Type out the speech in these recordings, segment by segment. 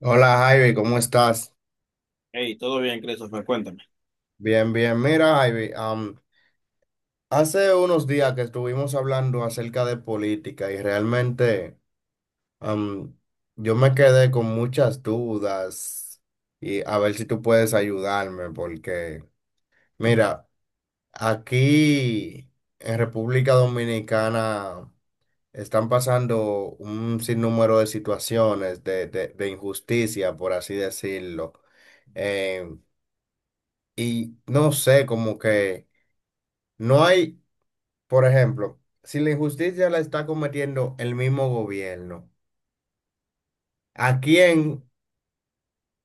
Hola Javi, ¿cómo estás? Hey, todo bien, Christopher, cuéntame. Bien, bien. Mira, Javi, hace unos días que estuvimos hablando acerca de política y realmente am, yo me quedé con muchas dudas, y a ver si tú puedes ayudarme porque, mira, aquí en República Dominicana están pasando un sinnúmero de situaciones de injusticia, por así decirlo. Em, y no sé, como que no hay, por ejemplo, si la injusticia la está cometiendo el mismo gobierno, ¿a quién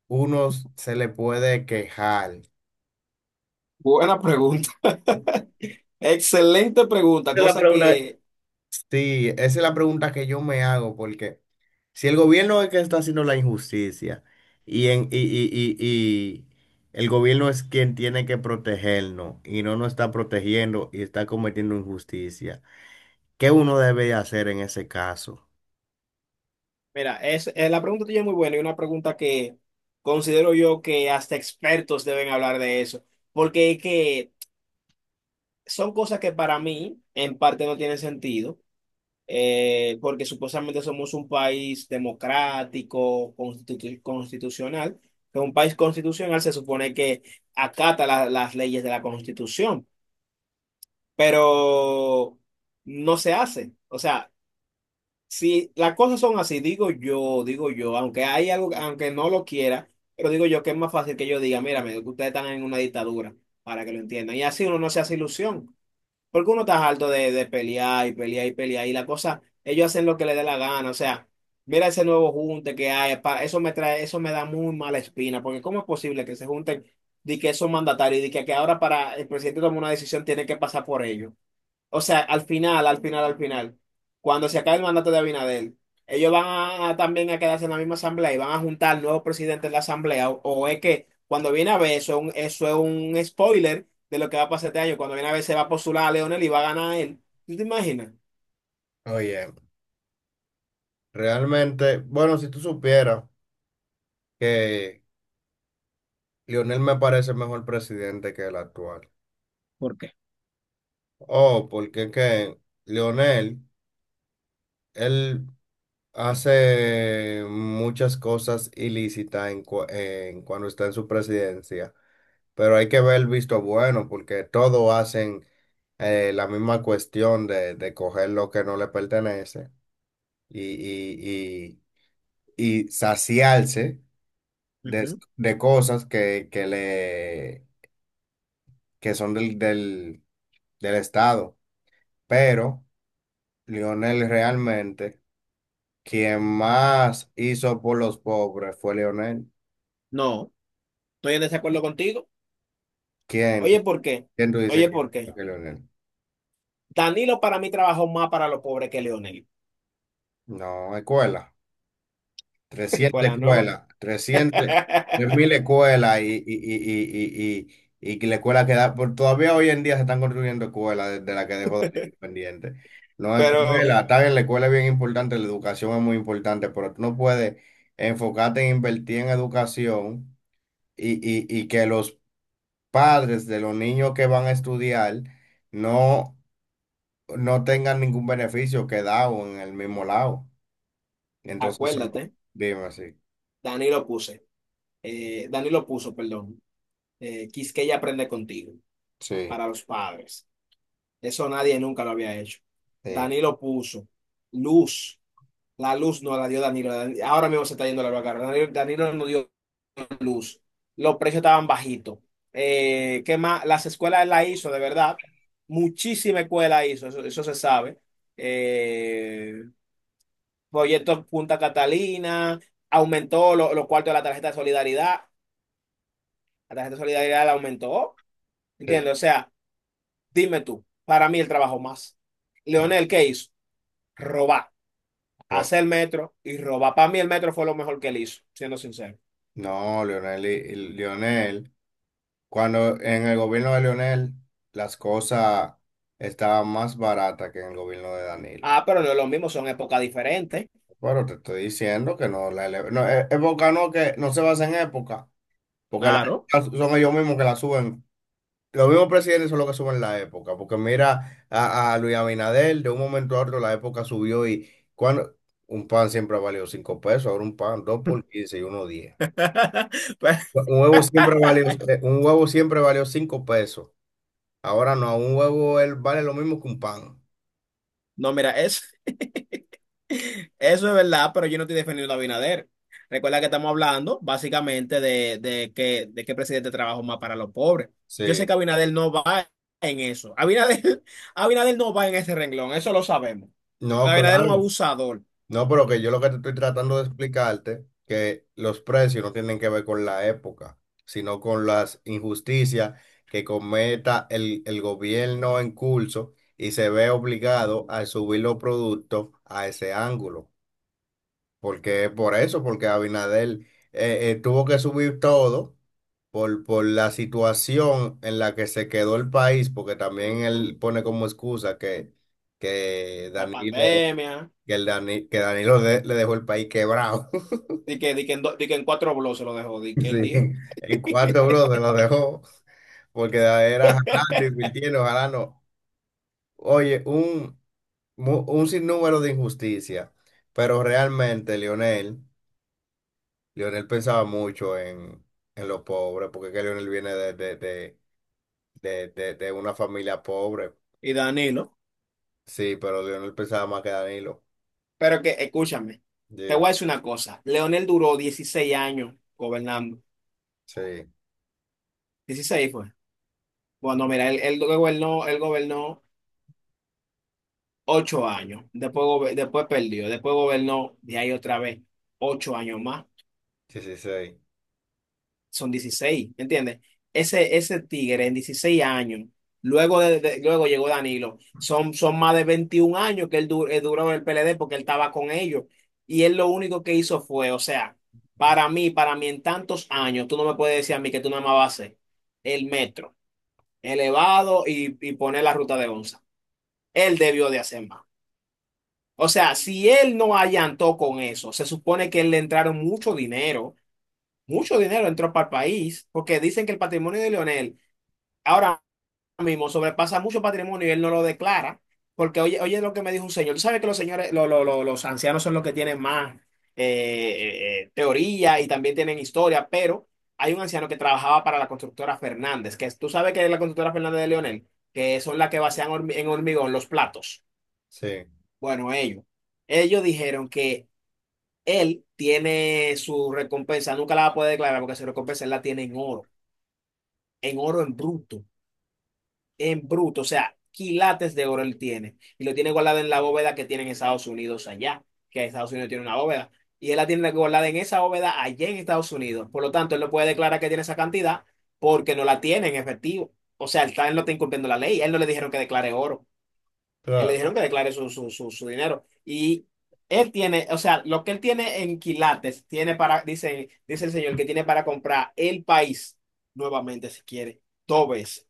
uno se le puede quejar? Esa Buena pregunta. Excelente pregunta, la cosa pregunta. que, Sí, esa es la pregunta que yo me hago, porque si el gobierno es el que está haciendo la injusticia y, en, y, y el gobierno es quien tiene que protegernos y no nos está protegiendo y está cometiendo injusticia, ¿qué uno debe hacer en ese caso? mira, es, eh, la pregunta tuya es muy buena, y una pregunta que considero yo que hasta expertos deben hablar de eso, porque es que son cosas que para mí en parte no tienen sentido, porque supuestamente somos un país democrático, constitucional, que un país constitucional se supone que acata las leyes de la Constitución. Pero no se hace. O sea, si las cosas son así, digo yo, aunque hay algo, aunque no lo quiera, pero digo yo que es más fácil que yo diga, mira, que ustedes están en una dictadura, para que lo entiendan. Y así uno no se hace ilusión, porque uno está harto de pelear y pelear y pelear, y la cosa, ellos hacen lo que les dé la gana, o sea. Mira ese nuevo junte que hay, eso me trae, eso me da muy mala espina, porque ¿cómo es posible que se junten de que son mandatarios y de que ahora para el presidente tomar una decisión tiene que pasar por ellos? O sea, al final, cuando se acabe el mandato de Abinader, ellos van a también a quedarse en la misma asamblea, y van a juntar nuevos presidentes de la asamblea. O es que cuando viene a ver, eso, eso es un spoiler de lo que va a pasar este año. Cuando viene a ver, se va a postular a Leonel y va a ganar él. ¿Tú te imaginas? Oye, realmente, bueno, si tú supieras. Que Lionel me parece mejor presidente que el actual. ¿Por qué? Oh, porque es que Lionel, él hace muchas cosas ilícitas en, cu- en cuando está en su presidencia, pero hay que ver el visto bueno, porque todos hacen la misma cuestión de coger lo que no le pertenece y, y, y saciarse de, de cosas que, que son del Estado. Pero Lionel realmente, quien más hizo por los pobres fue Lionel. No, estoy en desacuerdo contigo. ¿Quién? Oye, ¿por qué? ¿Quién tú dices Oye, que hizo ¿por más qué? que Lionel? Danilo, para mí, trabajó más para los pobres que Leonel. No, escuela. trescientas Escuela, ¿no? escuelas, trescientas, tres mil escuelas y que la escuela queda, todavía hoy en día se están construyendo escuelas desde la que dejó Daniel pendiente. No, Pero escuela, está bien, la escuela es bien importante, la educación es muy importante, pero tú no puedes enfocarte en invertir en educación y que los padres de los niños que van a estudiar no, no tengan ningún beneficio quedado en el mismo lado. Entonces, acuérdate, dime así. Danilo puse, Danilo puso, perdón. Quisqueya aprende contigo, Sí, para los padres. Eso nadie nunca lo había hecho. sí, Danilo puso luz. La luz no la dio Danilo. Ahora mismo se está yendo la luz acá. Danilo no dio luz. Los precios estaban bajitos. ¿Qué más? Las escuelas él la hizo, de verdad. Muchísima escuela hizo, eso se sabe. Eh, proyecto Punta Catalina, aumentó los cuartos de la tarjeta de solidaridad. La tarjeta de solidaridad la aumentó. sí. ¿Entiendes? O sea. Dime tú, para mí el trabajo más. Leonel, ¿qué hizo? Robar, Ro- hacer metro y robar. Para mí el metro fue lo mejor que él hizo, siendo sincero. No, Leonel, y Leonel, cuando en el gobierno de Leonel las cosas estaban más baratas que en el gobierno de Danilo. Ah, pero no es lo mismo, son épocas diferentes. Pero te estoy diciendo que no, no, época no, que no se basa en época, porque las Claro. son ellos mismos que la suben. Los mismos presidentes son los que suben la época, porque mira a Luis Abinader, de un momento a otro la época subió, y cuando un pan siempre ha valido 5 pesos, ahora un pan dos por 15 y uno 10. Pues, Un huevo siempre valió 5 pesos. Ahora no, un huevo él vale lo mismo que un pan. no, eso es verdad, pero yo no estoy defendiendo a Abinader. Recuerda que estamos hablando básicamente de qué presidente trabaja más para los pobres. Yo sé Sí. que Abinader no va en eso. Abinader, Abinader no va en ese renglón, eso lo sabemos. No, Abinader es un claro. abusador. No, pero que yo lo que te estoy tratando de explicarte, que los precios no tienen que ver con la época, sino con las injusticias que cometa el gobierno en curso y se ve obligado a subir los productos a ese ángulo. Porque es por eso, porque Abinader tuvo que subir todo por la situación en la que se quedó el país, porque también él pone como excusa que La Danilo pandemia. que, el Dani- que Danilo le dejó el país quebrado. Di que en cuatro blogs se lo dejó, di que él Sí, dijo. en cuatro bloques lo dejó, porque era jalando, invirtiendo, jalando. Oye, un sinnúmero de injusticia. Pero realmente Lionel, Lionel pensaba mucho en los pobres, porque es que Lionel viene de una familia pobre. Y Danilo. Sí, pero Lionel pensaba más que Danilo. Pero que, escúchame, te voy Dime. a decir una cosa. Leonel duró 16 años gobernando. Sí, Dieciséis fue. Bueno, mira, él gobernó 8 años. Después, después perdió. Después gobernó de ahí otra vez 8 años más. sí, sí, sí. Son 16, ¿me entiendes? Ese tigre en 16 años, luego, luego llegó Danilo, son más de 21 años que él, él duró en el PLD porque él estaba con ellos. Y él lo único que hizo fue, o sea, para mí en tantos años, tú no me puedes decir a mí que tú nada más vas a hacer el metro elevado y poner la ruta de onza. Él debió de hacer más. O sea, si él no allantó con eso, se supone que él le entraron mucho dinero, mucho dinero entró para el país, porque dicen que el patrimonio de Leonel ahora mismo sobrepasa mucho patrimonio y él no lo declara, porque oye, oye lo que me dijo un señor, tú sabes que los señores, los ancianos son los que tienen más teoría y también tienen historia, pero hay un anciano que trabajaba para la constructora Fernández, tú sabes que es la constructora Fernández de Leonel, que son las que vacían en hormigón los platos. Sí, Bueno, ellos dijeron que él tiene su recompensa, nunca la va a poder declarar porque su recompensa él la tiene en oro, en oro en bruto. En bruto, o sea, quilates de oro él tiene. Y lo tiene guardado en la bóveda que tiene en Estados Unidos allá, que Estados Unidos tiene una bóveda. Y él la tiene guardada en esa bóveda allá en Estados Unidos. Por lo tanto, él no puede declarar que tiene esa cantidad porque no la tiene en efectivo. O sea, él no está incumpliendo la ley. A él no le dijeron que declare oro. A él le claro. dijeron que declare su dinero. Y él tiene, o sea, lo que él tiene en quilates, tiene para, dice el señor, que tiene para comprar el país nuevamente si quiere, dos veces,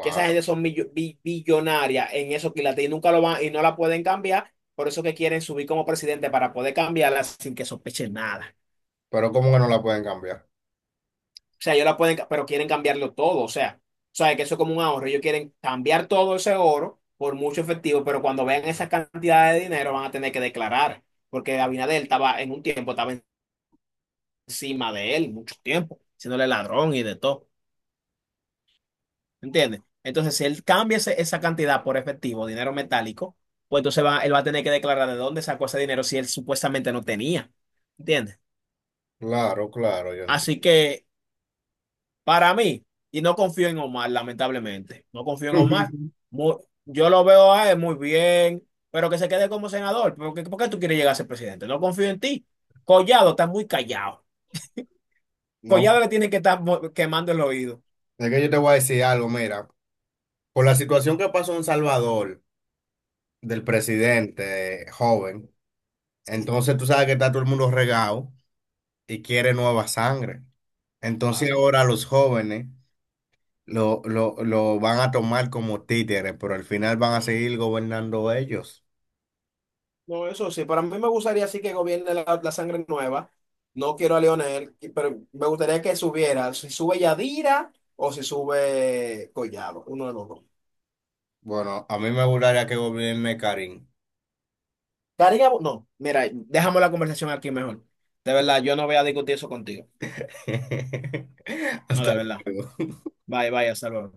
que esa gente son billonarias en eso, que y nunca lo van y no la pueden cambiar, por eso que quieren subir como presidente para poder cambiarla sin que sospechen nada. Pero ¿cómo que no la pueden cambiar? O sea, ellos la pueden, ca- pero quieren cambiarlo todo, o sea, que eso es como un ahorro, ellos quieren cambiar todo ese oro por mucho efectivo, pero cuando vean esa cantidad de dinero van a tener que declarar, porque Abinader estaba en un tiempo, estaba encima de él mucho tiempo, siéndole ladrón y de todo. ¿Entiendes? Entonces, si él cambia esa cantidad por efectivo, dinero metálico, pues entonces él va a tener que declarar de dónde sacó ese dinero si él supuestamente no tenía. ¿Entiendes? Claro, claro, yo entiendo. Así que, para mí, y no confío en Omar, lamentablemente, no confío en Omar. Mu- yo lo veo a él muy bien, pero que se quede como senador. Por qué tú quieres llegar a ser presidente? No confío en ti. Collado está muy callado. No, Collado le tiene que estar quemando el oído. es que yo te voy a decir algo, mira, por la situación que pasó en Salvador del presidente joven, Sí, entonces tú sabes que está todo el mundo regado y quiere nueva sangre. Entonces claro. ahora los jóvenes lo van a tomar como títeres, pero al final van a seguir gobernando ellos. No, eso sí, para mí me gustaría sí que gobierne la sangre nueva. No quiero a Leonel, pero me gustaría que subiera, si sube Yadira o si sube Collado, uno de los dos. Bueno, a mí me gustaría que gobierne Karim. Karina, no, mira, dejamos la conversación aquí mejor. De verdad, yo no voy a discutir eso contigo. No, de Hasta verdad. luego. Bye, bye, hasta luego.